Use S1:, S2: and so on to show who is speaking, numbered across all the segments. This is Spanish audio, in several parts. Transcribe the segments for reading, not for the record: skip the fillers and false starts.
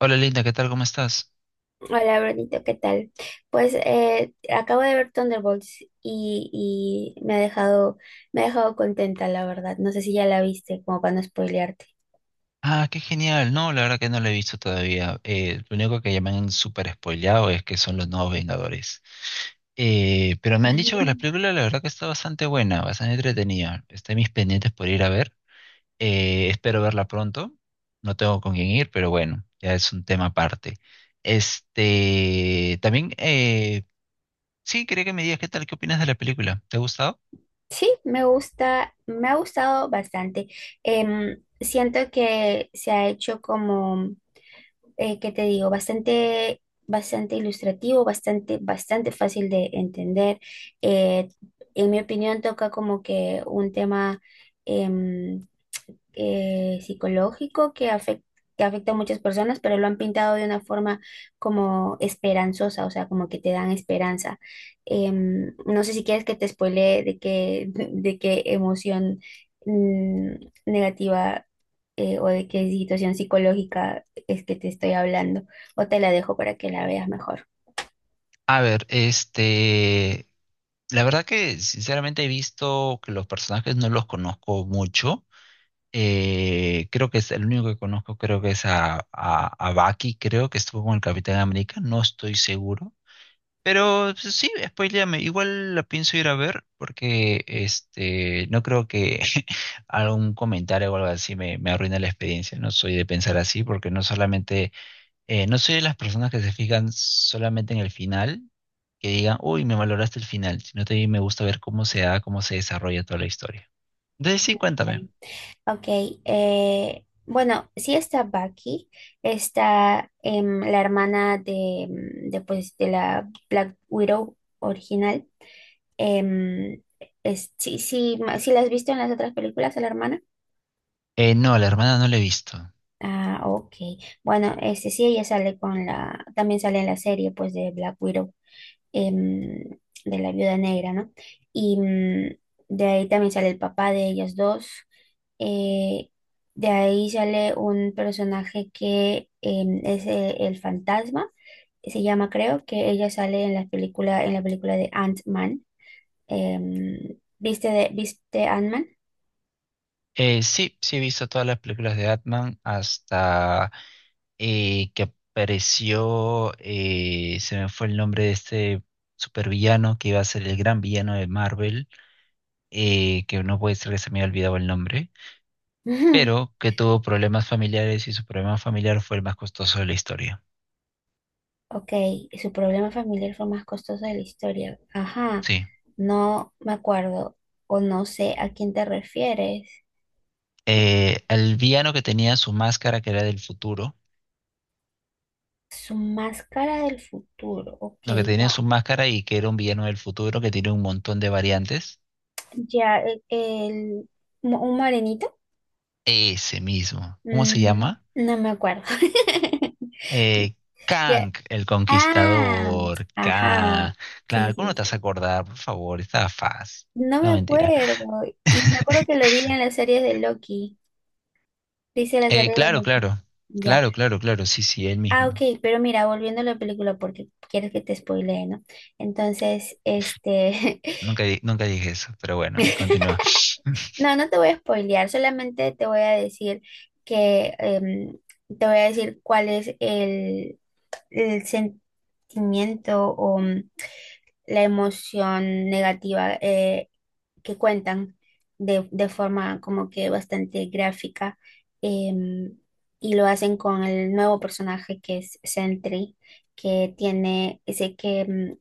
S1: Hola, Linda, ¿qué tal? ¿Cómo estás?
S2: Hola, Brunito, ¿qué tal? Pues acabo de ver Thunderbolts y me ha dejado contenta, la verdad. No sé si ya la viste, como para no spoilearte.
S1: Ah, qué genial. No, la verdad que no lo he visto todavía. Lo único que ya me han súper spoileado es que son los nuevos Vengadores. Pero me han dicho que la
S2: Ujú.
S1: película la verdad que está bastante buena, bastante entretenida. Está en mis pendientes por ir a ver. Espero verla pronto. No tengo con quién ir, pero bueno, ya es un tema aparte. Este, también, sí, quería que me digas qué tal, qué opinas de la película. ¿Te ha gustado?
S2: Sí, me ha gustado bastante. Siento que se ha hecho como ¿qué te digo? Bastante ilustrativo, bastante fácil de entender. Eh, en mi opinión, toca como que un tema em, psicológico que afecta a muchas personas, pero lo han pintado de una forma como esperanzosa, o sea, como que te dan esperanza. No sé si quieres que te spoilee de qué emoción mm, negativa, o de qué situación psicológica es que te estoy hablando, o te la dejo para que la veas mejor.
S1: A ver, este, la verdad que sinceramente he visto que los personajes no los conozco mucho. Creo que es el único que conozco, creo que es a Bucky, creo que estuvo con el Capitán América, no estoy seguro. Pero pues, sí, spoiléame, igual la pienso ir a ver porque este no creo que algún comentario o algo así me arruine la experiencia. No soy de pensar así porque no solamente, no soy de las personas que se fijan solamente en el final que diga, uy, me valoraste el final, sino también me gusta ver cómo se da, cómo se desarrolla toda la historia. Entonces sí, cuéntame.
S2: Ok, bueno, sí está Bucky, está, la hermana de de la Black Widow original. Em, sí, sí la has visto en las otras películas, a la hermana.
S1: No, la hermana no la he visto.
S2: Ah, ok. Bueno, este sí, ella sale con la, también sale en la serie pues de Black Widow, em, de la viuda negra, ¿no? Y, de ahí también sale el papá de ellas dos. Eh, de ahí sale un personaje que es el fantasma, se llama creo, que ella sale en la película de Ant-Man. ¿Viste, ¿viste Ant-Man?
S1: Sí, sí he visto todas las películas de Batman hasta que apareció, se me fue el nombre de este supervillano que iba a ser el gran villano de Marvel, que no puede ser que se me haya olvidado el nombre,
S2: Ujú.
S1: pero que tuvo problemas familiares y su problema familiar fue el más costoso de la historia.
S2: Ok, su problema familiar fue más costoso de la historia. Ajá,
S1: Sí,
S2: no me acuerdo o no sé a quién te refieres.
S1: al villano que tenía su máscara, que era del futuro,
S2: Su máscara del futuro, ok,
S1: no, que tenía su
S2: no.
S1: máscara y que era un villano del futuro que tiene un montón de variantes,
S2: Ya, un morenito.
S1: ese mismo, ¿cómo se
S2: Mm,
S1: llama?
S2: no me acuerdo.
S1: Eh,
S2: Ya.
S1: Kang, el
S2: Ah,
S1: conquistador,
S2: ajá,
S1: Kang,
S2: sí,
S1: claro, ¿cómo
S2: sí,
S1: no te vas a
S2: sí.
S1: acordar? Por favor, estaba fácil,
S2: No me
S1: no mentira.
S2: acuerdo. Y me acuerdo que lo vi en las series de Loki. Dice las series de
S1: Claro,
S2: Loki.
S1: claro,
S2: Ya.
S1: claro, claro, claro, sí, sí, él
S2: Ah,
S1: mismo.
S2: ok, pero mira, volviendo a la película, porque quieres que te spoilee, ¿no? Entonces, este,
S1: Nunca, di- nunca dije eso, pero bueno, continúa.
S2: no, no te voy a spoilear, solamente te voy a decir que, te voy a decir cuál es el sentimiento o, la emoción negativa que cuentan de forma como que bastante gráfica, em, y lo hacen con el nuevo personaje que es Sentry, que tiene ese que,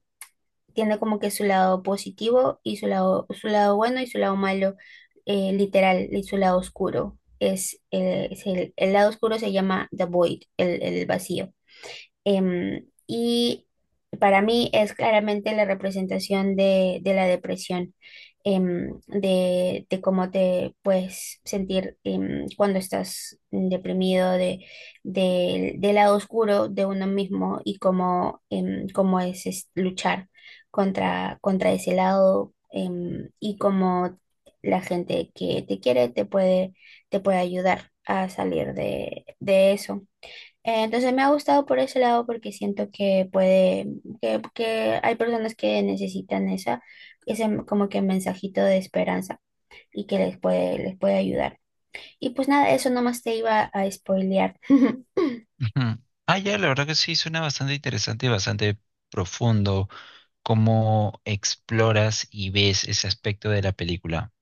S2: tiene como que su lado positivo y su lado bueno y su lado malo, literal, y su lado oscuro. Es el lado oscuro, se llama The Void, el vacío. Y para mí es claramente la representación de la depresión, em, de cómo te puedes sentir cuando estás deprimido, de, del lado oscuro de uno mismo y cómo, cómo es luchar contra ese lado, y cómo la gente que te quiere te puede ayudar a salir de eso. Entonces me ha gustado por ese lado porque siento que puede, que hay personas que necesitan esa, ese como que mensajito de esperanza y que les puede ayudar. Y pues nada, eso nomás te iba a spoilear.
S1: Ujú. Ah, ya, la verdad que sí, suena bastante interesante y bastante profundo. Cómo exploras y ves ese aspecto de la película.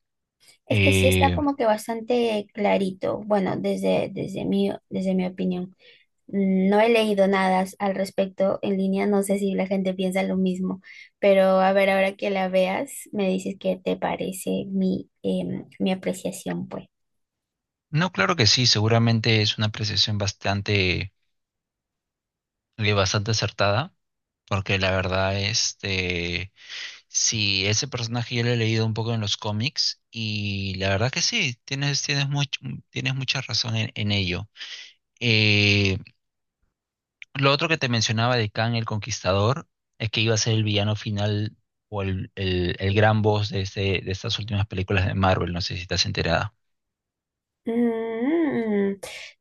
S2: Es que sí está
S1: Eh,
S2: como que bastante clarito, bueno, desde mi opinión. No he leído nada as- al respecto en línea, no sé si la gente piensa lo mismo, pero a ver, ahora que la veas, me dices qué te parece mi, mi apreciación, pues.
S1: no, claro que sí, seguramente es una apreciación bastante, bastante acertada, porque la verdad, este, sí, ese personaje yo lo he leído un poco en los cómics y la verdad que sí, tienes, tienes, much- tienes mucha razón en ello. Eh, Lo otro que te mencionaba de Kang el Conquistador es que iba a ser el villano final o el gran boss de, este- de estas últimas películas de Marvel, no sé si estás enterada.
S2: Mm,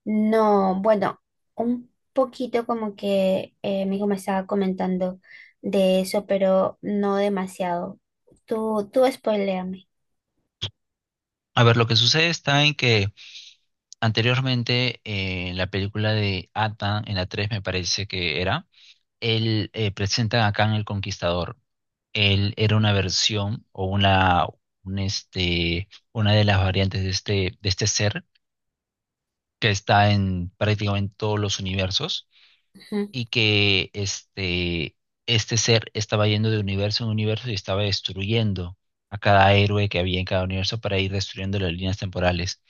S2: no, bueno, un poquito como que mi hijo me estaba comentando de eso, pero no demasiado. Tú spoiléame.
S1: A ver, lo que sucede está en que anteriormente en la película de Atan, en la 3 me parece que era, él presenta a Kang el Conquistador. Él era una versión o una, un este, una de las variantes de este ser que está en prácticamente todos los universos
S2: Ujú,
S1: y que este ser estaba yendo de universo en universo y estaba destruyendo a cada héroe que había en cada universo para ir destruyendo las líneas temporales.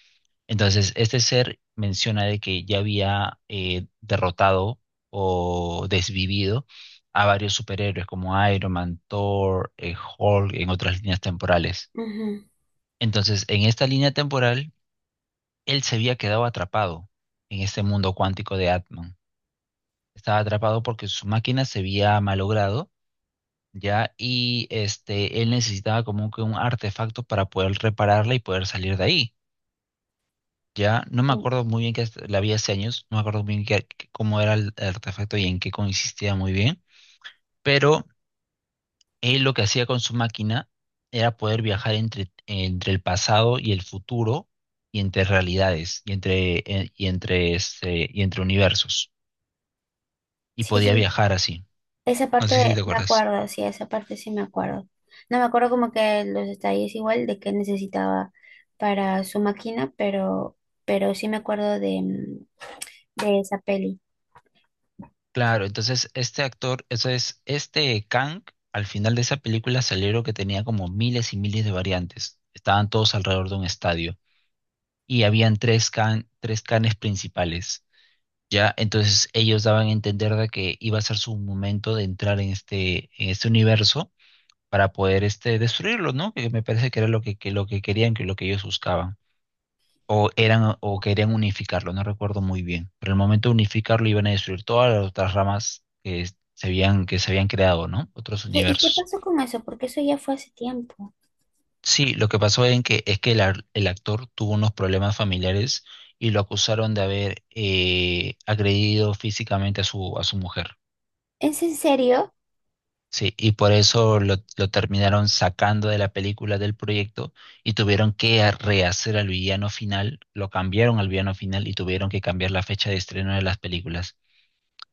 S1: Entonces, este ser menciona de que ya había derrotado o desvivido a varios superhéroes como Iron Man, Thor, Hulk en otras líneas temporales.
S2: ujú.
S1: Entonces, en esta línea temporal, él se había quedado atrapado en este mundo cuántico de Atman. Estaba atrapado porque su máquina se había malogrado ya, y este, él necesitaba como que un artefacto para poder repararla y poder salir de ahí, ya, no me
S2: Mm,
S1: acuerdo muy bien que la vi hace años, no me acuerdo muy bien qué- qué- cómo era el artefacto y en qué consistía muy bien, pero él lo que hacía con su máquina era poder viajar entre, entre el pasado y el futuro y entre realidades y entre, este, y entre universos, y
S2: sí,
S1: podía
S2: sí,
S1: viajar así,
S2: esa
S1: no sé si
S2: parte
S1: te
S2: me
S1: acuerdas.
S2: acuerdo, sí, esa parte sí me acuerdo. No me acuerdo como que los detalles igual de qué necesitaba para su máquina, pero sí me acuerdo de, mm, de esa peli.
S1: Claro, entonces este actor, eso es, este Kang, al final de esa película salieron que tenía como miles y miles de variantes. Estaban todos alrededor de un estadio y habían tres Kang, tres Kangs principales. Ya, entonces ellos daban a entender de que iba a ser su momento de entrar en este universo para poder este, destruirlo, ¿no? Que me parece que era lo que lo que querían, que lo que ellos buscaban o eran o querían unificarlo, no recuerdo muy bien. Pero el momento de unificarlo iban a destruir todas las otras ramas que es- se habían, que se habían creado, ¿no? Otros
S2: ¿Y qué
S1: universos.
S2: pasó con eso? Porque eso ya fue hace tiempo.
S1: Sí, lo que pasó en que, es que el, ar- el actor tuvo unos problemas familiares y lo acusaron de haber agredido físicamente a a su mujer.
S2: ¿Es en serio?
S1: Sí, y por eso lo terminaron sacando de la película del proyecto y tuvieron que a- rehacer al villano final, lo cambiaron al villano final y tuvieron que cambiar la fecha de estreno de las películas.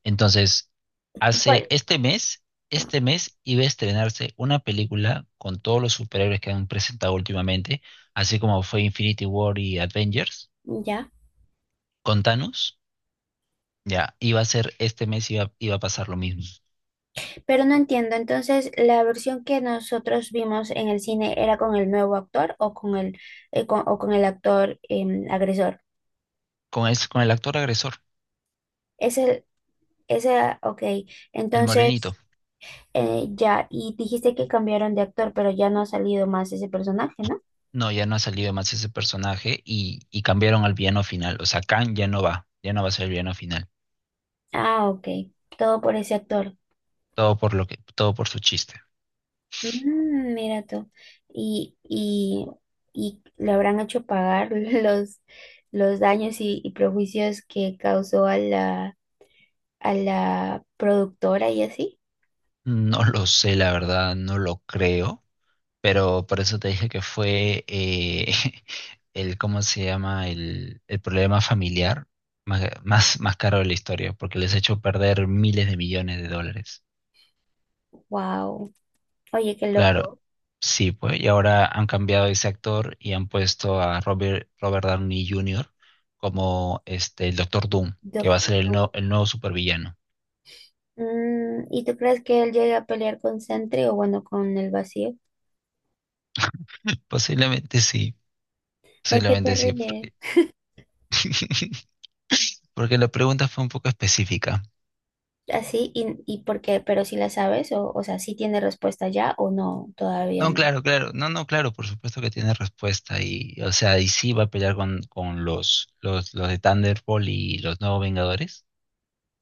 S1: Entonces, hace
S2: ¿Cuál?
S1: este mes iba a estrenarse una película con todos los superhéroes que han presentado últimamente, así como fue Infinity War y Avengers,
S2: Ya,
S1: con Thanos, ya, iba a ser este mes, iba, iba a pasar lo mismo.
S2: pero no entiendo. Entonces, ¿la versión que nosotros vimos en el cine era con el nuevo actor o con el, con- o con el actor agresor?
S1: Con el actor agresor,
S2: Ese, ese, ok.
S1: el
S2: Entonces...
S1: morenito.
S2: Ya, y dijiste que cambiaron de actor, pero ya no ha salido más ese personaje, ¿no?
S1: No, ya no ha salido más ese personaje y cambiaron al villano final. O sea, Kang ya no va a ser el villano final.
S2: Ah, ok. Todo por ese actor.
S1: Todo por lo que, todo por su chiste.
S2: Mm, mira tú. Y, y, y le habrán hecho pagar los daños y prejuicios que causó a la productora y así.
S1: No lo sé, la verdad, no lo creo. Pero por eso te dije que fue el, ¿cómo se llama? El problema familiar más, más, más caro de la historia, porque les ha hecho perder miles de millones de dólares.
S2: Wow. Oye, qué
S1: Claro,
S2: loco.
S1: sí, pues, y ahora han cambiado ese actor y han puesto a Robert, Robert Downey Jr. como este, el Doctor Doom, que va a ser
S2: Doctor
S1: el,
S2: Who.
S1: no- el nuevo supervillano.
S2: Mm, ¿y tú crees que él llegue a pelear con Sentry o bueno, con el vacío?
S1: Posiblemente sí,
S2: ¿Por qué te
S1: posiblemente sí,
S2: ríes?
S1: porque, porque la pregunta fue un poco específica.
S2: Así y porque, pero si la sabes, o sea, si tiene respuesta ya o no, todavía
S1: No,
S2: no.
S1: claro, claro. No, no, claro, por supuesto que tiene respuesta. Y, o sea, y sí va a pelear con los de Thunderbolt y los nuevos Vengadores.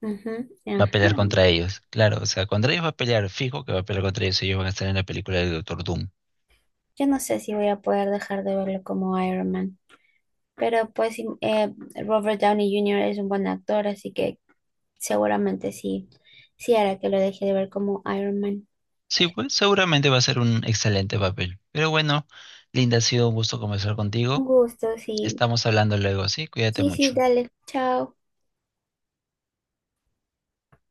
S2: Ujú,
S1: Va a
S2: ajá.
S1: pelear contra ellos. Claro, o sea, contra ellos va a pelear, fijo que va a pelear contra ellos. Ellos van a estar en la película del Doctor Doom.
S2: Yo no sé si voy a poder dejar de verlo como Iron Man, pero pues sí, Robert Downey Jr. es un buen actor, así que seguramente sí, sí hará que lo deje de ver como Iron Man.
S1: Sí, pues seguramente va a ser un excelente papel. Pero bueno, Linda, ha sido un gusto conversar
S2: Un
S1: contigo.
S2: gusto, sí.
S1: Estamos hablando luego, ¿sí? Cuídate
S2: Sí, sí,
S1: mucho.
S2: dale. Chao.